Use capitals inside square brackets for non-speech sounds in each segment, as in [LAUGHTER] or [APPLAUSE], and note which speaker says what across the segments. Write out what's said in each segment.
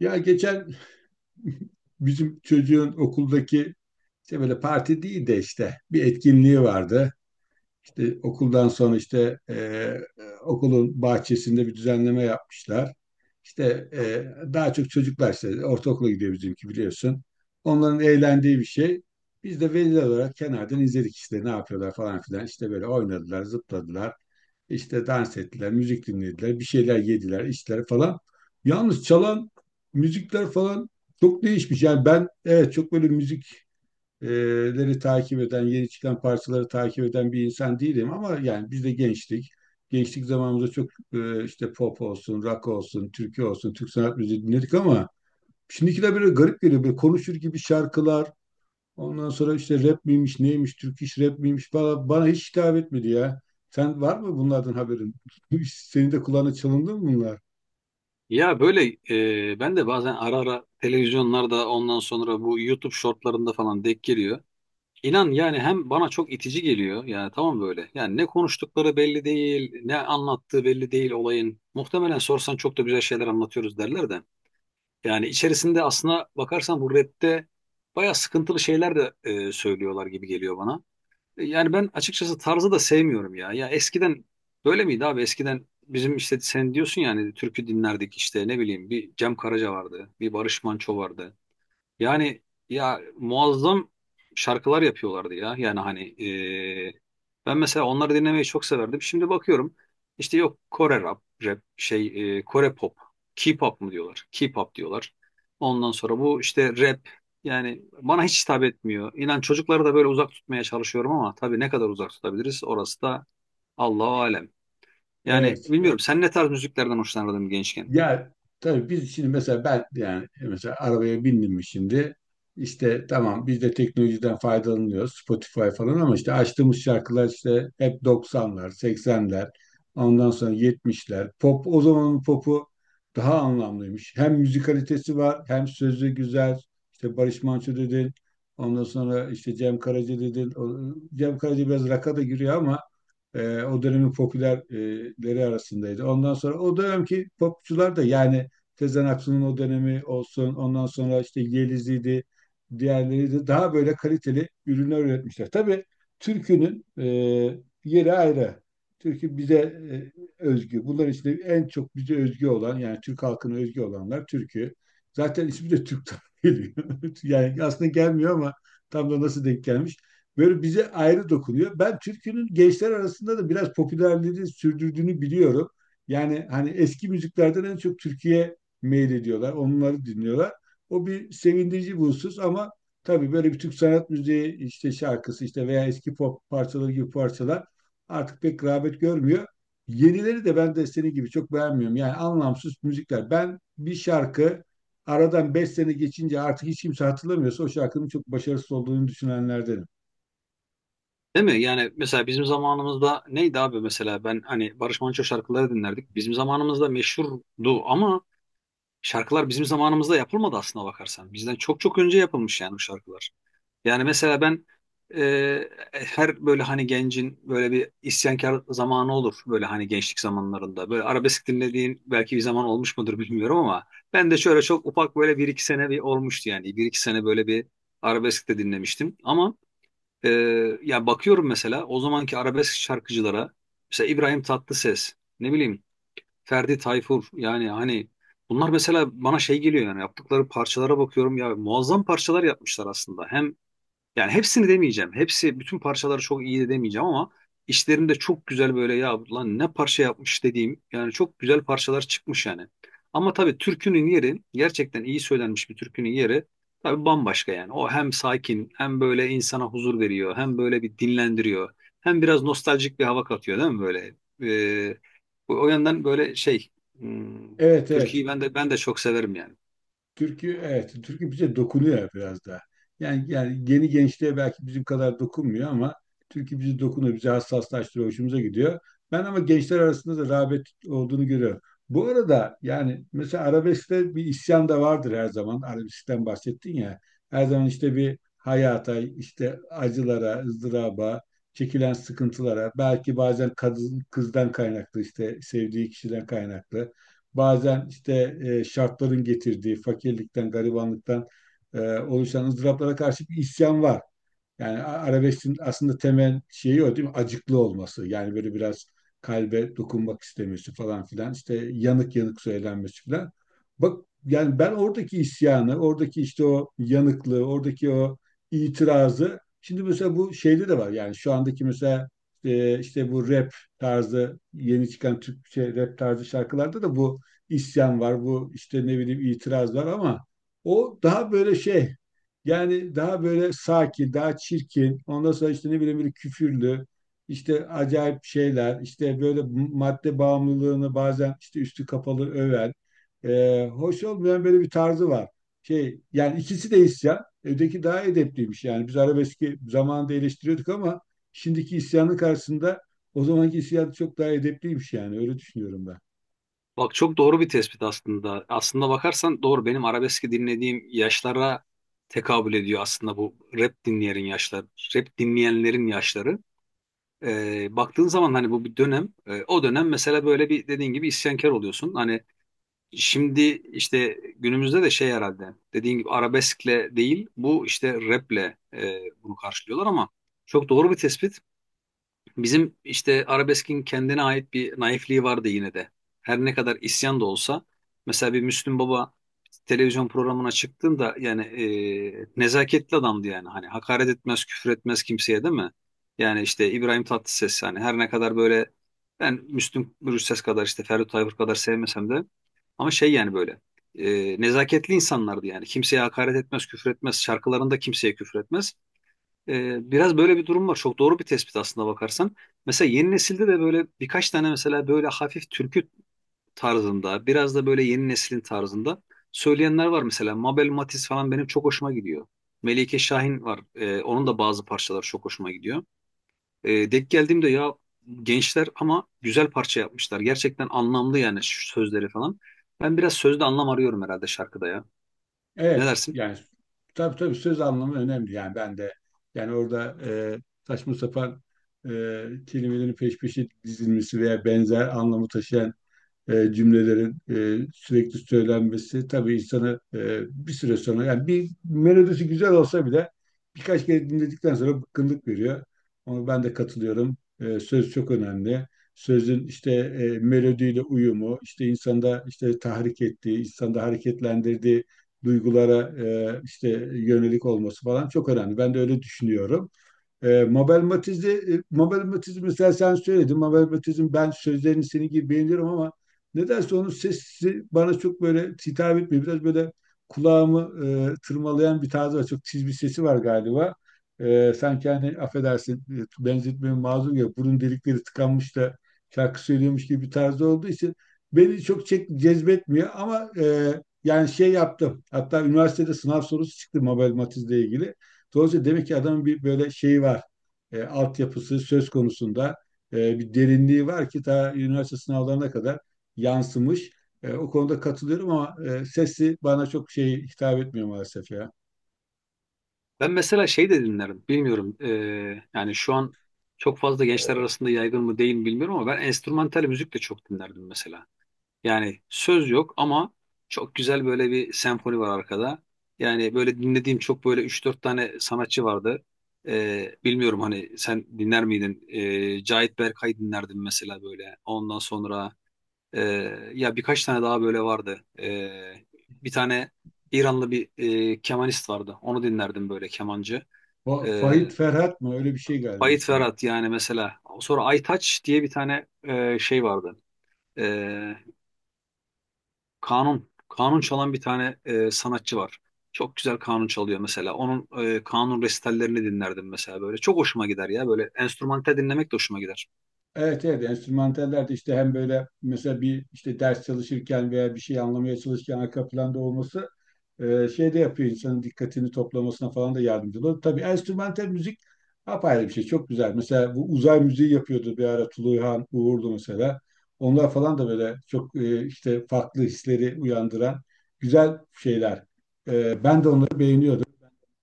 Speaker 1: Ya geçen [LAUGHS] bizim çocuğun okuldaki işte böyle parti değil de işte bir etkinliği vardı. İşte okuldan sonra işte okulun bahçesinde bir düzenleme yapmışlar. İşte e, daha çok çocuklar işte ortaokula gidiyor bizimki biliyorsun. Onların eğlendiği bir şey. Biz de veliler olarak kenardan izledik işte ne yapıyorlar falan filan. İşte böyle oynadılar, zıpladılar. İşte dans ettiler, müzik dinlediler, bir şeyler yediler, içtiler falan. Yalnız çalan müzikler falan çok değişmiş. Yani ben evet çok böyle müzik e, leri takip eden, yeni çıkan parçaları takip eden bir insan değilim ama yani biz de gençtik. Gençlik zamanımızda çok işte pop olsun, rock olsun, türkü olsun, Türk sanat müziği dinledik ama şimdikiler böyle garip geliyor. Böyle konuşur gibi şarkılar, ondan sonra işte rap miymiş, neymiş, Türk iş rap miymiş bana hiç hitap etmedi ya. Sen var mı bunlardan haberin? [LAUGHS] Senin de kulağına çalındı mı bunlar?
Speaker 2: Ya böyle ben de bazen ara ara televizyonlarda ondan sonra bu YouTube shortlarında falan denk geliyor. İnan yani hem bana çok itici geliyor yani tamam böyle. Yani ne konuştukları belli değil, ne anlattığı belli değil olayın. Muhtemelen sorsan çok da güzel şeyler anlatıyoruz derler de. Yani içerisinde aslına bakarsan bu rapte bayağı sıkıntılı şeyler de söylüyorlar gibi geliyor bana. Yani ben açıkçası tarzı da sevmiyorum ya. Ya eskiden böyle miydi abi? Eskiden bizim işte sen diyorsun yani türkü dinlerdik işte ne bileyim bir Cem Karaca vardı, bir Barış Manço vardı. Yani ya muazzam şarkılar yapıyorlardı ya. Yani hani e, ben mesela onları dinlemeyi çok severdim. Şimdi bakıyorum işte yok Kore rap, rap şey Kore pop, K-pop mu diyorlar? K-pop diyorlar. Ondan sonra bu işte rap yani bana hiç hitap etmiyor. İnan çocukları da böyle uzak tutmaya çalışıyorum ama tabii ne kadar uzak tutabiliriz orası da Allahu alem. Yani
Speaker 1: Evet.
Speaker 2: bilmiyorum sen ne tarz müziklerden hoşlanırdın gençken?
Speaker 1: Ya tabii biz şimdi mesela ben yani mesela arabaya bindim mi şimdi işte tamam biz de teknolojiden faydalanıyoruz Spotify falan ama işte açtığımız şarkılar işte hep 90'lar, 80'ler, ondan sonra 70'ler. Pop o zamanın popu daha anlamlıymış. Hem müzikalitesi var hem sözü güzel. İşte Barış Manço dedin. Ondan sonra işte Cem Karaca dedin. Cem Karaca biraz rock'a da giriyor ama o dönemin popülerleri arasındaydı. Ondan sonra o dönemki popçular da yani Tezen Aksu'nun o dönemi olsun, ondan sonra işte Yeliz'iydi, diğerleri de daha böyle kaliteli ürünler üretmişler. Tabii türkünün yeri ayrı. Türkü bize özgü. Bunların içinde en çok bize özgü olan yani Türk halkına özgü olanlar türkü. Zaten ismi de Türk'ten geliyor. [LAUGHS] Yani aslında gelmiyor ama tam da nasıl denk gelmiş böyle bize ayrı dokunuyor. Ben türkünün gençler arasında da biraz popülerliğini sürdürdüğünü biliyorum. Yani hani eski müziklerden en çok Türkiye meylediyorlar, onları dinliyorlar. O bir sevindirici bir husus ama tabii böyle bir Türk sanat müziği işte şarkısı işte veya eski pop parçaları gibi parçalar artık pek rağbet görmüyor. Yenileri de ben de senin gibi çok beğenmiyorum. Yani anlamsız müzikler. Ben bir şarkı aradan 5 sene geçince artık hiç kimse hatırlamıyorsa o şarkının çok başarısız olduğunu düşünenlerdenim.
Speaker 2: Değil mi? Yani mesela bizim zamanımızda neydi abi mesela ben hani Barış Manço şarkıları dinlerdik. Bizim zamanımızda meşhurdu ama şarkılar bizim zamanımızda yapılmadı aslına bakarsan. Bizden çok çok önce yapılmış yani bu şarkılar. Yani mesela ben her böyle hani gencin böyle bir isyankar zamanı olur böyle hani gençlik zamanlarında. Böyle arabesk dinlediğin belki bir zaman olmuş mudur bilmiyorum ama ben de şöyle çok ufak böyle bir iki sene bir olmuştu yani. Bir iki sene böyle bir arabesk de dinlemiştim ama ee, ya bakıyorum mesela o zamanki arabesk şarkıcılara mesela İbrahim Tatlıses ne bileyim Ferdi Tayfur yani hani bunlar mesela bana şey geliyor yani yaptıkları parçalara bakıyorum ya muazzam parçalar yapmışlar aslında hem yani hepsini demeyeceğim. Hepsi bütün parçaları çok iyi de demeyeceğim ama işlerinde çok güzel böyle ya lan ne parça yapmış dediğim yani çok güzel parçalar çıkmış yani. Ama tabii türkünün yeri gerçekten iyi söylenmiş bir türkünün yeri tabii bambaşka yani. O hem sakin hem böyle insana huzur veriyor hem böyle bir dinlendiriyor hem biraz nostaljik bir hava katıyor değil mi böyle? Ee, o yandan böyle şey hmm,
Speaker 1: Evet, evet.
Speaker 2: türküyü ben de çok severim yani.
Speaker 1: Türkü evet türkü bize dokunuyor biraz daha. Yani yeni gençliğe belki bizim kadar dokunmuyor ama türkü bizi dokunuyor, bizi hassaslaştırıyor, hoşumuza gidiyor. Ben ama gençler arasında da rağbet olduğunu görüyorum. Bu arada yani mesela arabeskte bir isyan da vardır her zaman. Arabeskten bahsettin ya. Her zaman işte bir hayata, işte acılara, ızdıraba, çekilen sıkıntılara, belki bazen kadın, kızdan kaynaklı işte sevdiği kişiden kaynaklı bazen işte şartların getirdiği fakirlikten, garibanlıktan oluşan ızdıraplara karşı bir isyan var. Yani arabesk'in aslında temel şeyi o değil mi? Acıklı olması. Yani böyle biraz kalbe dokunmak istemesi falan filan. İşte yanık yanık söylenmesi filan. Bak yani ben oradaki isyanı, oradaki işte o yanıklığı, oradaki o itirazı şimdi mesela bu şeyde de var. Yani şu andaki mesela işte bu rap tarzı yeni çıkan Türkçe rap tarzı şarkılarda da bu isyan var. Bu işte ne bileyim itiraz var ama o daha böyle şey yani daha böyle sakin, daha çirkin. Ondan sonra işte ne bileyim böyle küfürlü, işte acayip şeyler, işte böyle madde bağımlılığını bazen işte üstü kapalı öven, hoş olmayan böyle bir tarzı var. Şey, yani ikisi de isyan. Öteki daha edepliymiş yani. Biz arabeski zamanında eleştiriyorduk ama şimdiki isyanın karşısında o zamanki isyan çok daha edepliymiş yani. Öyle düşünüyorum ben.
Speaker 2: Bak çok doğru bir tespit aslında. Aslında bakarsan doğru benim arabeski dinlediğim yaşlara tekabül ediyor aslında bu rap dinleyenlerin yaşları, rap dinleyenlerin yaşları. Baktığın zaman hani bu bir dönem, o dönem mesela böyle bir dediğin gibi isyankar oluyorsun. Hani şimdi işte günümüzde de şey herhalde dediğin gibi arabeskle değil bu işte raple bunu karşılıyorlar ama çok doğru bir tespit. Bizim işte arabeskin kendine ait bir naifliği vardı yine de. Her ne kadar isyan da olsa mesela bir Müslüm Baba televizyon programına çıktığında yani nezaketli adamdı yani. Hani hakaret etmez, küfür etmez kimseye değil mi? Yani işte İbrahim Tatlıses yani her ne kadar böyle ben Müslüm Gürses kadar işte Ferdi Tayfur kadar sevmesem de ama şey yani böyle nezaketli insanlardı yani. Kimseye hakaret etmez, küfür etmez. Şarkılarında kimseye küfür etmez. Biraz böyle bir durum var. Çok doğru bir tespit aslında bakarsan. Mesela yeni nesilde de böyle birkaç tane mesela böyle hafif türkü tarzında, biraz da böyle yeni neslin tarzında söyleyenler var mesela. Mabel Matiz falan benim çok hoşuma gidiyor. Melike Şahin var. Onun da bazı parçaları çok hoşuma gidiyor. Denk geldiğimde ya gençler ama güzel parça yapmışlar. Gerçekten anlamlı yani şu sözleri falan. Ben biraz sözde anlam arıyorum herhalde şarkıda ya. Ne
Speaker 1: Evet
Speaker 2: dersin?
Speaker 1: yani tabii söz anlamı önemli. Yani ben de yani orada saçma sapan e, kelimelerin peş peşe dizilmesi veya benzer anlamı taşıyan cümlelerin sürekli söylenmesi tabii insanı bir süre sonra yani bir melodisi güzel olsa bile birkaç kere dinledikten sonra bıkkınlık veriyor. Ama ben de katılıyorum. Söz çok önemli. Sözün işte melodiyle uyumu, işte insanda işte tahrik ettiği, insanda hareketlendirdiği duygulara işte yönelik olması falan çok önemli. Ben de öyle düşünüyorum. Mabel Matiz'i mesela sen söyledin. Mabel Matiz'in ben sözlerini senin gibi beğeniyorum ama nedense onun sesi bana çok böyle hitap etmiyor. Biraz böyle kulağımı tırmalayan bir tarzı var. Çok tiz bir sesi var galiba. Sanki hani affedersin benzetmeye mazur ya burun delikleri tıkanmış da şarkı söylüyormuş gibi bir tarzı olduğu için beni cezbetmiyor ama yani şey yaptım. Hatta üniversitede sınav sorusu çıktı Mabel Matiz'le ilgili. Dolayısıyla demek ki adamın bir böyle şeyi var. Altyapısı söz konusunda bir derinliği var ki ta üniversite sınavlarına kadar yansımış. O konuda katılıyorum ama sesi bana çok şey hitap etmiyor maalesef ya.
Speaker 2: Ben mesela şey de dinlerim. Bilmiyorum. Yani şu an çok fazla gençler arasında yaygın mı değil mi bilmiyorum ama ben enstrümantal müzik de çok dinlerdim mesela. Yani söz yok ama çok güzel böyle bir senfoni var arkada. Yani böyle dinlediğim çok böyle üç dört tane sanatçı vardı. Bilmiyorum hani sen dinler miydin? Cahit Berkay dinlerdim mesela böyle. Ondan sonra ya birkaç tane daha böyle vardı. Bir tane İranlı bir kemanist vardı. Onu dinlerdim böyle kemancı.
Speaker 1: O
Speaker 2: E,
Speaker 1: Fahit Ferhat mı? Öyle bir şey galiba
Speaker 2: Ait
Speaker 1: ismi.
Speaker 2: Ferhat yani mesela. Sonra Aytaç diye bir tane şey vardı. E, kanun. Kanun çalan bir tane sanatçı var. Çok güzel kanun çalıyor mesela. Onun kanun resitallerini dinlerdim mesela böyle. Çok hoşuma gider ya. Böyle enstrümantal dinlemek de hoşuma gider.
Speaker 1: Evet, evet, enstrümantaller de işte hem böyle mesela bir işte ders çalışırken veya bir şey anlamaya çalışırken arka planda olması şey de yapıyor insanın dikkatini toplamasına falan da yardımcı oluyor. Tabii enstrümantal müzik apayrı bir şey çok güzel. Mesela bu uzay müziği yapıyordu bir ara Tuluyhan Uğurlu mesela. Onlar falan da böyle çok işte farklı hisleri uyandıran güzel şeyler. Ben de onları beğeniyordum,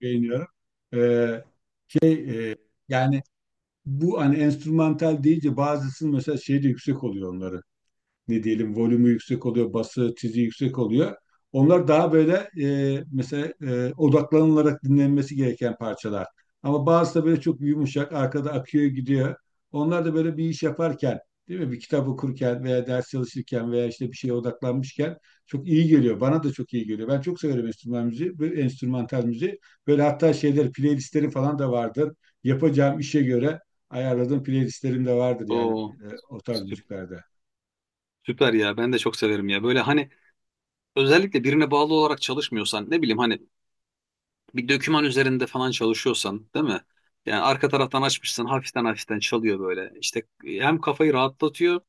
Speaker 1: beğeniyorum. E, şey e, yani bu hani enstrümantal deyince bazısının mesela şeyi de yüksek oluyor onların ne diyelim volümü yüksek oluyor, bası, tizi yüksek oluyor. Onlar daha böyle mesela odaklanılarak dinlenmesi gereken parçalar. Ama bazısı da böyle çok yumuşak, arkada akıyor gidiyor. Onlar da böyle bir iş yaparken, değil mi? Bir kitap okurken veya ders çalışırken veya işte bir şeye odaklanmışken çok iyi geliyor. Bana da çok iyi geliyor. Ben çok severim enstrüman müziği, böyle enstrümantal müziği. Böyle hatta şeyler, playlistlerim falan da vardır. Yapacağım işe göre ayarladığım playlistlerim de vardır yani
Speaker 2: Oo,
Speaker 1: o tarz
Speaker 2: sü-
Speaker 1: müziklerde.
Speaker 2: süper ya. Ben de çok severim ya. Böyle hani özellikle birine bağlı olarak çalışmıyorsan ne bileyim hani bir döküman üzerinde falan çalışıyorsan değil mi? Yani arka taraftan açmışsın hafiften hafiften çalıyor böyle. İşte hem kafayı rahatlatıyor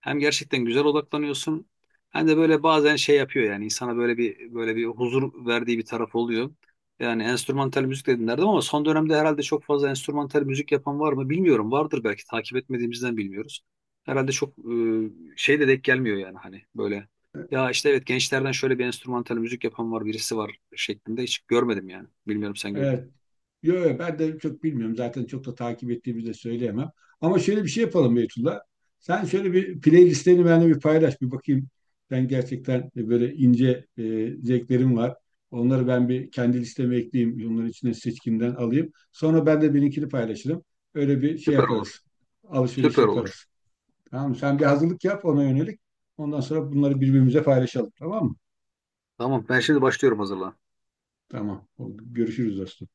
Speaker 2: hem gerçekten güzel odaklanıyorsun. Hem de böyle bazen şey yapıyor yani insana böyle bir huzur verdiği bir taraf oluyor. Yani enstrümantal müzik dedin derdim ama son dönemde herhalde çok fazla enstrümantal müzik yapan var mı bilmiyorum. Vardır belki takip etmediğimizden bilmiyoruz. Herhalde çok şey de denk gelmiyor yani hani böyle ya işte evet gençlerden şöyle bir enstrümantal müzik yapan var birisi var şeklinde hiç görmedim yani. Bilmiyorum sen gördün
Speaker 1: Evet.
Speaker 2: mü?
Speaker 1: Yo, yo, ben de çok bilmiyorum. Zaten çok da takip ettiğimi de söyleyemem. Ama şöyle bir şey yapalım Beytullah. Sen şöyle bir playlistlerini benimle bir paylaş. Bir bakayım. Ben gerçekten böyle ince zevklerim var. Onları ben bir kendi listeme ekleyeyim. Onların içine seçkimden alayım. Sonra ben de benimkini paylaşırım. Öyle bir şey
Speaker 2: Süper olur.
Speaker 1: yaparız. Alışveriş
Speaker 2: Süper
Speaker 1: yaparız.
Speaker 2: olur.
Speaker 1: Tamam mı? Sen bir hazırlık yap ona yönelik. Ondan sonra bunları birbirimize paylaşalım. Tamam mı?
Speaker 2: Tamam ben şimdi başlıyorum hazırlan.
Speaker 1: Tamam. Oldu. Görüşürüz dostum.